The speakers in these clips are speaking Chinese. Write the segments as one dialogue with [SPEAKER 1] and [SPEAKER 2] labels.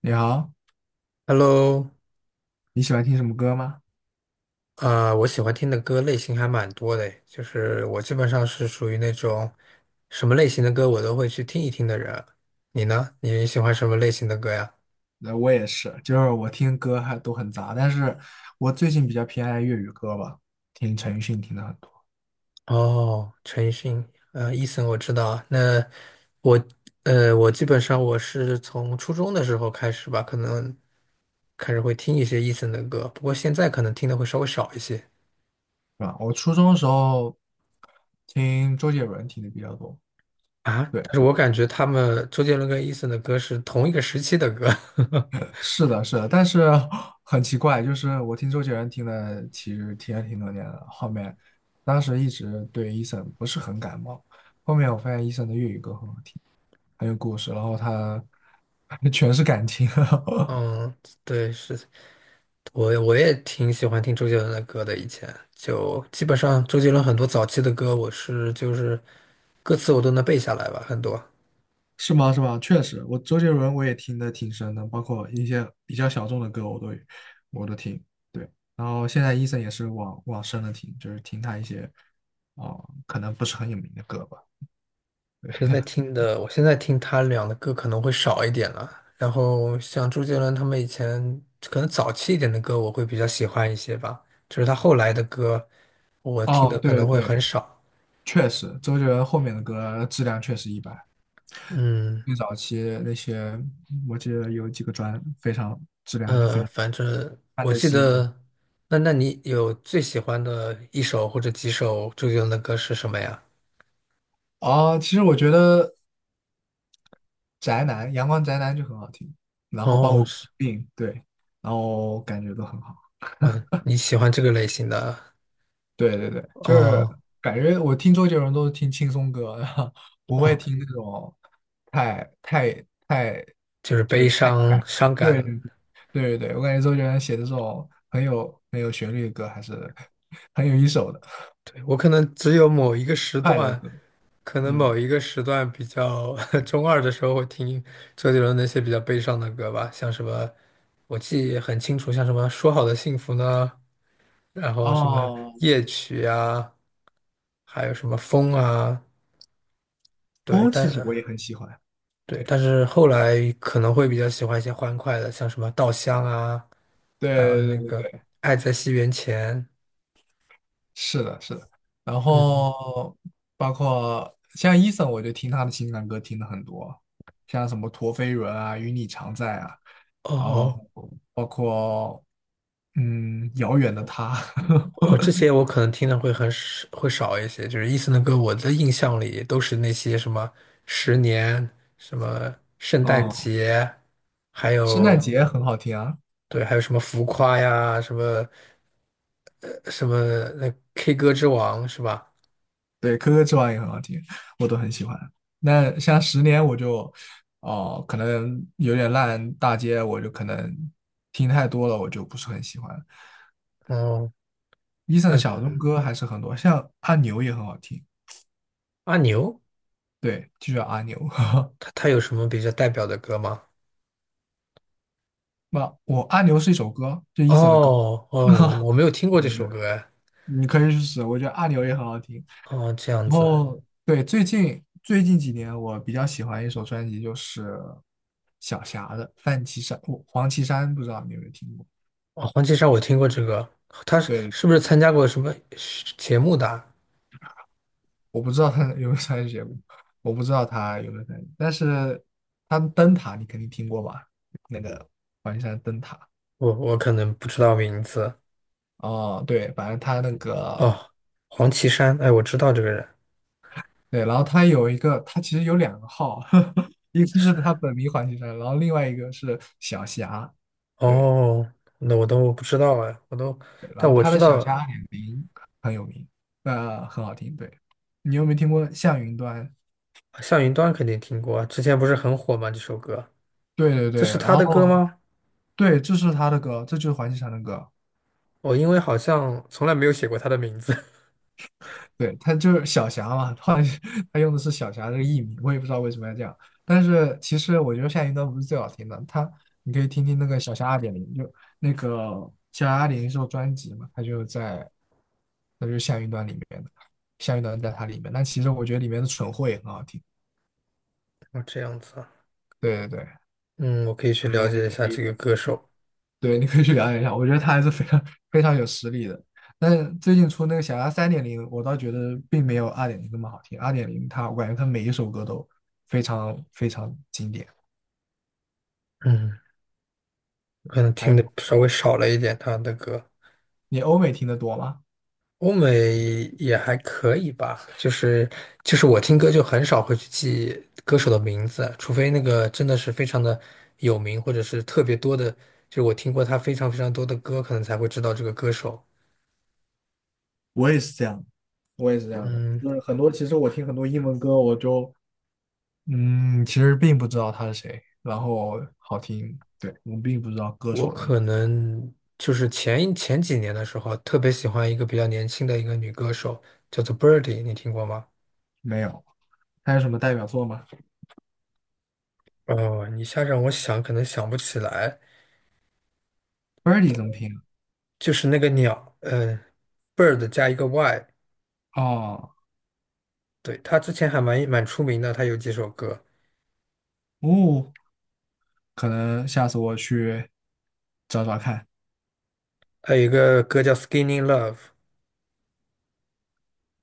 [SPEAKER 1] 你好，
[SPEAKER 2] Hello。
[SPEAKER 1] 你喜欢听什么歌吗？
[SPEAKER 2] 我喜欢听的歌类型还蛮多的诶，就是我基本上是属于那种什么类型的歌我都会去听一听的人。你呢？你喜欢什么类型的歌呀？
[SPEAKER 1] 那我也是，就是我听歌还都很杂，但是我最近比较偏爱粤语歌吧，听陈奕迅听的很多。
[SPEAKER 2] 哦，陈奕迅，Eason 我知道。那我，我基本上我是从初中的时候开始吧，可能开始会听一些 Eason 的歌，不过现在可能听的会稍微少一些
[SPEAKER 1] 是吧？我初中的时候听周杰伦听的比较多。
[SPEAKER 2] 啊。
[SPEAKER 1] 对，
[SPEAKER 2] 但是我感觉他们周杰伦跟 Eason 的歌是同一个时期的歌。
[SPEAKER 1] 是的，是的，但是 很奇怪，就是我听周杰伦听的其实听了挺多年了，后面当时一直对 Eason 不是很感冒，后面我发现 Eason 的粤语歌很好听，很有故事，然后他 全是感情。
[SPEAKER 2] 嗯，对，是。我也挺喜欢听周杰伦的歌的，以前就基本上周杰伦很多早期的歌，我是就是歌词我都能背下来吧，很多。
[SPEAKER 1] 是吗？是吗？确实，我周杰伦我也听的挺深的，包括一些比较小众的歌我都听。对，然后现在 Eason 也是往深了听，就是听他一些哦，可能不是很有名的歌吧。
[SPEAKER 2] 现在听的，我现在听他俩的歌可能会少一点了。然后像周杰伦他们以前可能早期一点的歌，我会比较喜欢一些吧。就是他后来的歌，我听的
[SPEAKER 1] 哦，
[SPEAKER 2] 可
[SPEAKER 1] 对
[SPEAKER 2] 能会很
[SPEAKER 1] 对，
[SPEAKER 2] 少。
[SPEAKER 1] 确实，周杰伦后面的歌质量确实一般，
[SPEAKER 2] 嗯。
[SPEAKER 1] 最早期那些我记得有几个专非常质量还是非常。
[SPEAKER 2] 反正
[SPEAKER 1] 范
[SPEAKER 2] 我
[SPEAKER 1] 特
[SPEAKER 2] 记
[SPEAKER 1] 西吗？
[SPEAKER 2] 得，那你有最喜欢的一首或者几首周杰伦的歌是什么呀？
[SPEAKER 1] 哦，其实我觉得宅男，阳光宅男就很好听，然后包
[SPEAKER 2] 哦，
[SPEAKER 1] 括
[SPEAKER 2] 是。
[SPEAKER 1] 病，对，然后感觉都很好。
[SPEAKER 2] 嗯，你喜欢这个类型的。
[SPEAKER 1] 对对对，就是
[SPEAKER 2] 哦
[SPEAKER 1] 感觉我听周杰伦都是听轻松歌 不会
[SPEAKER 2] 哦，
[SPEAKER 1] 听那种太太太
[SPEAKER 2] 就是
[SPEAKER 1] 就是
[SPEAKER 2] 悲
[SPEAKER 1] 太有
[SPEAKER 2] 伤、
[SPEAKER 1] 感情。
[SPEAKER 2] 伤
[SPEAKER 1] 对
[SPEAKER 2] 感。
[SPEAKER 1] 对对对，我感觉周杰伦写的这种很有旋律的歌还是 很有一手的
[SPEAKER 2] 对，我可能只有某一个时
[SPEAKER 1] 快乐
[SPEAKER 2] 段，
[SPEAKER 1] 歌。
[SPEAKER 2] 可能
[SPEAKER 1] 嗯，
[SPEAKER 2] 某一个时段比较 中二的时候会听周杰伦那些比较悲伤的歌吧，像什么，我记得很清楚，像什么《说好的幸福》呢，然后什么
[SPEAKER 1] 哦，
[SPEAKER 2] 夜曲啊，还有什么风啊。对，
[SPEAKER 1] 风其
[SPEAKER 2] 但
[SPEAKER 1] 实我也很喜欢。
[SPEAKER 2] 对，
[SPEAKER 1] 对
[SPEAKER 2] 但是后来可能会比较喜欢一些欢快的，像什么《稻香》啊，还有
[SPEAKER 1] 对
[SPEAKER 2] 那
[SPEAKER 1] 对对
[SPEAKER 2] 个
[SPEAKER 1] 对，
[SPEAKER 2] 《爱在西元前》。
[SPEAKER 1] 是的，是的，然
[SPEAKER 2] 嗯。
[SPEAKER 1] 后包括像 Eason，我就听他的情感歌听的很多，像什么陀飞轮啊、与你常在啊，
[SPEAKER 2] 哦
[SPEAKER 1] 然
[SPEAKER 2] 哦。
[SPEAKER 1] 后包括遥远的他，
[SPEAKER 2] 哦，这些我可能听的会很少，会少一些。就是伊森的歌，我的印象里都是那些什么《十年》、什么《圣诞
[SPEAKER 1] 哦，
[SPEAKER 2] 节》，还
[SPEAKER 1] 圣诞
[SPEAKER 2] 有
[SPEAKER 1] 节很好听啊。
[SPEAKER 2] 对，还有什么《浮夸》呀，什么什么那 K 歌之王是吧？
[SPEAKER 1] 对，可可之王也很好听，我都很喜欢。那像十年我就哦，可能有点烂大街，我就可能听太多了，我就不是很喜欢。
[SPEAKER 2] 哦，
[SPEAKER 1] Eason
[SPEAKER 2] 那
[SPEAKER 1] 的小众歌还是很多，像阿牛也很好听。
[SPEAKER 2] 阿牛
[SPEAKER 1] 对，就叫阿牛。
[SPEAKER 2] 他有什么比较代表的歌吗？
[SPEAKER 1] 那我阿牛是一首歌，就 Eason 的歌。
[SPEAKER 2] 哦哦，我 没有听过这
[SPEAKER 1] 对对，
[SPEAKER 2] 首歌哎。
[SPEAKER 1] 你可以去试，我觉得阿牛也很好听。
[SPEAKER 2] 哦，这样
[SPEAKER 1] 然
[SPEAKER 2] 子。
[SPEAKER 1] 后对，最近几年我比较喜欢一首专辑，就是小霞的《范琪山》，我黄绮珊不知道你有没有听过？
[SPEAKER 2] 哦，黄绮珊我听过这个，她是
[SPEAKER 1] 对，
[SPEAKER 2] 是不是参加过什么节目的啊？
[SPEAKER 1] 我不知道他有没有参与节目，我不知道他有没有参与，但是他的灯塔你肯定听过吧？那个黄绮珊灯塔。
[SPEAKER 2] 我可能不知道名字。
[SPEAKER 1] 哦，对，反正他那个，
[SPEAKER 2] 哦，黄绮珊，哎，我知道这个人。
[SPEAKER 1] 对，然后他有一个，他其实有两个号，一个是
[SPEAKER 2] 是。
[SPEAKER 1] 他本名黄绮珊，然后另外一个是小霞，对，
[SPEAKER 2] 哦，那我都不知道哎，我都，
[SPEAKER 1] 对，然
[SPEAKER 2] 但
[SPEAKER 1] 后
[SPEAKER 2] 我
[SPEAKER 1] 他
[SPEAKER 2] 知
[SPEAKER 1] 的小
[SPEAKER 2] 道
[SPEAKER 1] 霞二点零很有名，很好听，对，你有没有听过《向云端》？
[SPEAKER 2] 向云端肯定听过啊，之前不是很火吗？这首歌，
[SPEAKER 1] 对对
[SPEAKER 2] 这
[SPEAKER 1] 对，
[SPEAKER 2] 是
[SPEAKER 1] 然
[SPEAKER 2] 他的歌
[SPEAKER 1] 后
[SPEAKER 2] 吗？
[SPEAKER 1] 对，这是他的歌，这就是黄绮珊的歌，
[SPEAKER 2] 我因为好像从来没有写过他的名字。
[SPEAKER 1] 对，他就是小霞嘛，后来 他用的是小霞这个艺名，我也不知道为什么要这样。但是其实我觉得夏云端不是最好听的，他你可以听听那个小霞二点零，就那个小霞二点零是首专辑嘛，他就在，那就是夏云端里面的，夏云端在它里面。但其实我觉得里面的蠢货也很好听。
[SPEAKER 2] 哦，这样子啊。
[SPEAKER 1] 对对对，
[SPEAKER 2] 嗯，我可以去了
[SPEAKER 1] 哎，你
[SPEAKER 2] 解一
[SPEAKER 1] 可
[SPEAKER 2] 下
[SPEAKER 1] 以
[SPEAKER 2] 这个歌手。
[SPEAKER 1] 对，你可以去了解一下，我觉得他还是非常非常有实力的。但是最近出那个《小鸭3.0》，我倒觉得并没有二点零那么好听。二点零它，我感觉它每一首歌都非常非常经典。
[SPEAKER 2] 嗯。可能
[SPEAKER 1] 还
[SPEAKER 2] 听
[SPEAKER 1] 有，
[SPEAKER 2] 的稍微少了一点他的歌。
[SPEAKER 1] 你欧美听得多吗？
[SPEAKER 2] 欧美也还可以吧，就是就是我听歌就很少会去记歌手的名字，除非那个真的是非常的有名，或者是特别多的，就是我听过他非常非常多的歌，可能才会知道这个歌手。
[SPEAKER 1] 我也是这样，我也是这样的，
[SPEAKER 2] 嗯，
[SPEAKER 1] 就是很多，其实我听很多英文歌，我就，其实并不知道他是谁，然后好听，对，我并不知道歌
[SPEAKER 2] 我
[SPEAKER 1] 手的名字。
[SPEAKER 2] 可能就是前几年的时候，特别喜欢一个比较年轻的一个女歌手，叫做 Birdy,你听过吗？
[SPEAKER 1] 没有。他有什么代表作吗
[SPEAKER 2] 哦，一下让我想，可能想不起来。
[SPEAKER 1] ？Birdy 怎么拼啊？
[SPEAKER 2] 就是那个鸟，嗯，bird 加一个 y,
[SPEAKER 1] 哦，
[SPEAKER 2] 对，他之前蛮出名的，他有几首歌，
[SPEAKER 1] 哦，可能下次我去找找看，
[SPEAKER 2] 还有一个歌叫《Skinny Love》。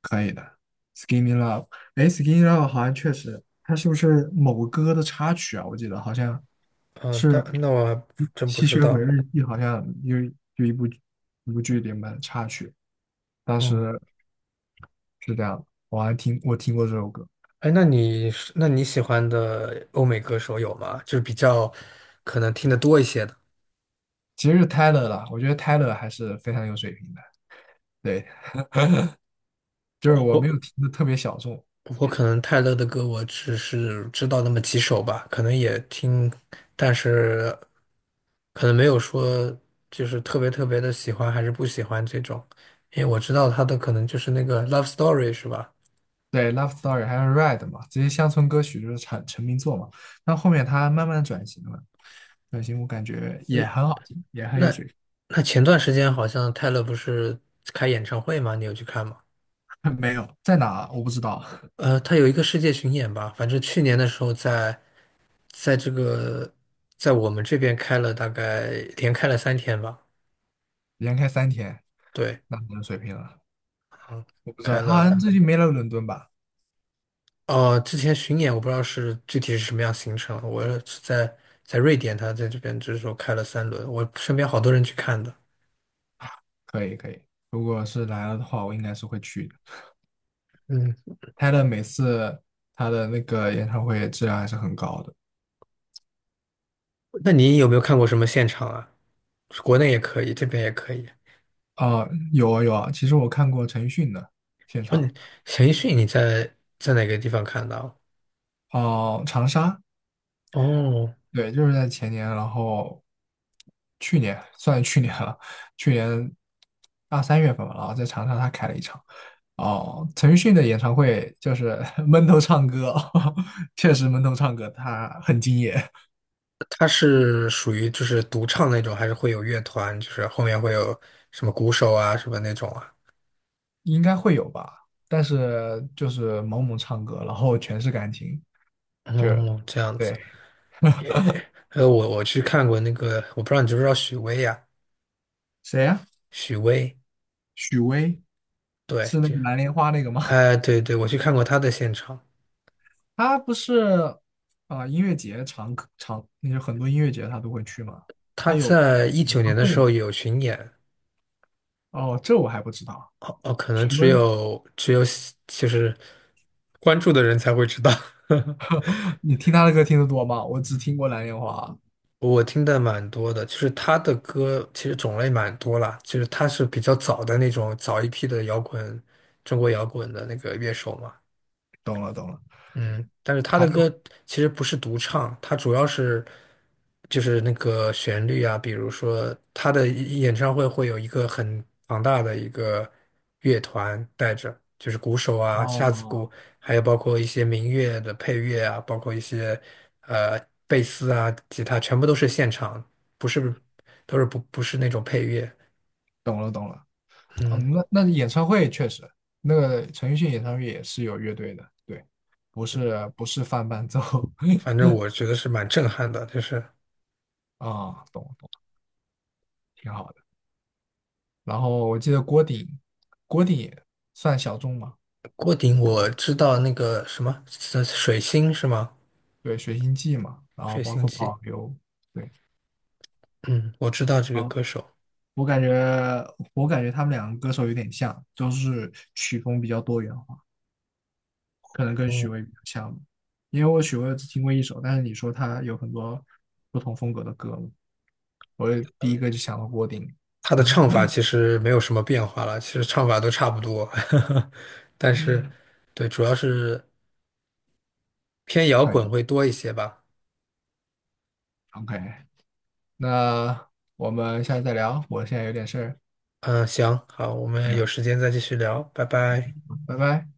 [SPEAKER 1] 可以的。Skinny Love，哎，Skinny Love 好像确实，它是不是某个歌的插曲啊？我记得好像
[SPEAKER 2] 嗯，那
[SPEAKER 1] 是《
[SPEAKER 2] 那我还真不
[SPEAKER 1] 吸
[SPEAKER 2] 知
[SPEAKER 1] 血鬼
[SPEAKER 2] 道。
[SPEAKER 1] 日记》，好像有一部剧里面的插曲，当时
[SPEAKER 2] 嗯，
[SPEAKER 1] 是这样的，我听过这首歌。
[SPEAKER 2] 哎，那你是那你喜欢的欧美歌手有吗？就是比较可能听得多一些的。
[SPEAKER 1] 其实是 Tyler 啦，我觉得 Tyler 还是非常有水平的，对，就是我没
[SPEAKER 2] 我
[SPEAKER 1] 有听的特别小众。
[SPEAKER 2] 我可能泰勒的歌我只是知道那么几首吧，可能也听，但是可能没有说就是特别特别的喜欢还是不喜欢这种，因为我知道他的可能就是那个《Love Story》是吧？
[SPEAKER 1] 对，《Love Story》还有《Red》嘛，这些乡村歌曲就是成名作嘛。但后面他慢慢转型了，转型我感觉也很好听，也很有
[SPEAKER 2] 那
[SPEAKER 1] 水平。
[SPEAKER 2] 那前段时间好像泰勒不是开演唱会吗？你有去看吗？
[SPEAKER 1] 没有，在哪我不知道。
[SPEAKER 2] 他有一个世界巡演吧，反正去年的时候在在这个在我们这边开了大概连开了三天吧，
[SPEAKER 1] 连开3天，
[SPEAKER 2] 对。
[SPEAKER 1] 那可能水平了，
[SPEAKER 2] 嗯，
[SPEAKER 1] 我不知道。
[SPEAKER 2] 开
[SPEAKER 1] 他好像
[SPEAKER 2] 了。
[SPEAKER 1] 最近没来伦敦吧？
[SPEAKER 2] 哦，之前巡演我不知道是具体是什么样行程，我是在在瑞典，他在这边就是说开了三轮，我身边好多人去看的。
[SPEAKER 1] 可以可以，如果是来了的话，我应该是会去的。
[SPEAKER 2] 嗯，
[SPEAKER 1] 他的每次他的那个演唱会质量还是很高的。
[SPEAKER 2] 那你有没有看过什么现场啊？国内也可以，这边也可以。
[SPEAKER 1] 哦，有啊有啊，其实我看过陈奕迅的现
[SPEAKER 2] 问
[SPEAKER 1] 场。
[SPEAKER 2] 你陈奕迅你在在哪个地方看到？
[SPEAKER 1] 哦，长沙，
[SPEAKER 2] 哦，
[SPEAKER 1] 对，就是在前年，然后去年算是去年了，去年二三月份吧，然后在长沙他开了一场。哦，陈奕迅的演唱会就是 闷头唱歌，确实闷头唱歌，他很敬业。
[SPEAKER 2] 他是属于就是独唱那种，还是会有乐团，就是后面会有什么鼓手啊什么那种啊？
[SPEAKER 1] 应该会有吧，但是就是猛猛唱歌，然后全是感情，就是
[SPEAKER 2] 哦，这样子。
[SPEAKER 1] 对。
[SPEAKER 2] 还有我去看过那个，我不知道你知不知道许巍呀、
[SPEAKER 1] 谁呀？
[SPEAKER 2] 许巍，
[SPEAKER 1] 许巍，
[SPEAKER 2] 对，
[SPEAKER 1] 是那个蓝莲花那个吗？
[SPEAKER 2] 哎，对对，我去看过他的现场，
[SPEAKER 1] 他不是啊，音乐节常常，那就很多音乐节他都会去吗？
[SPEAKER 2] 他在一
[SPEAKER 1] 演
[SPEAKER 2] 九年
[SPEAKER 1] 唱
[SPEAKER 2] 的
[SPEAKER 1] 会
[SPEAKER 2] 时
[SPEAKER 1] 吗？
[SPEAKER 2] 候有巡演，
[SPEAKER 1] 哦，这我还不知道。
[SPEAKER 2] 哦哦，可能
[SPEAKER 1] 许巍，
[SPEAKER 2] 只有喜就是关注的人才会知道。
[SPEAKER 1] 你听他的歌听得多吗？我只听过《蓝莲花》。
[SPEAKER 2] 我听的蛮多的，就是他的歌其实种类蛮多啦，就是他是比较早的那种早一批的摇滚，中国摇滚的那个乐手嘛。
[SPEAKER 1] 懂了，懂了。
[SPEAKER 2] 嗯，但是他
[SPEAKER 1] 还
[SPEAKER 2] 的歌
[SPEAKER 1] 有，
[SPEAKER 2] 其实不是独唱，他主要是就是那个旋律啊，比如说他的演唱会会有一个很庞大的一个乐团带着，就是鼓手啊、架子
[SPEAKER 1] 哦，
[SPEAKER 2] 鼓，还有包括一些民乐的配乐啊，包括一些呃贝斯啊、吉他，全部都是现场，不是都是不是那种配乐。
[SPEAKER 1] 懂了，懂了。
[SPEAKER 2] 嗯，
[SPEAKER 1] 嗯，那演唱会确实，那个陈奕迅演唱会也是有乐队的，对，不是放伴奏
[SPEAKER 2] 反正我觉得是蛮震撼的，就是
[SPEAKER 1] 啊，懂懂，挺好的。然后我记得郭顶，郭顶也算小众嘛。
[SPEAKER 2] 郭顶，我知道那个什么水星是吗？
[SPEAKER 1] 对，《水星记》嘛，然后
[SPEAKER 2] 水
[SPEAKER 1] 包
[SPEAKER 2] 星
[SPEAKER 1] 括
[SPEAKER 2] 记，
[SPEAKER 1] 保留。对，
[SPEAKER 2] 嗯，我知道这个
[SPEAKER 1] 啊。
[SPEAKER 2] 歌手，
[SPEAKER 1] 我感觉，我感觉他们两个歌手有点像，就是曲风比较多元化，可能跟许巍比较像吧。因为我许巍只听过一首，但是你说他有很多不同风格的歌嘛，我第一个就想到郭顶。
[SPEAKER 2] 他的唱法 其实没有什么变化了，其实唱法都差不多，但是，对，主要是偏摇
[SPEAKER 1] 可
[SPEAKER 2] 滚
[SPEAKER 1] 以
[SPEAKER 2] 会多一些吧。
[SPEAKER 1] ，OK，那我们下次再聊，我现在有点事儿。
[SPEAKER 2] 嗯，行，好，我们有
[SPEAKER 1] 行，
[SPEAKER 2] 时间再继续聊，拜拜。
[SPEAKER 1] 拜拜。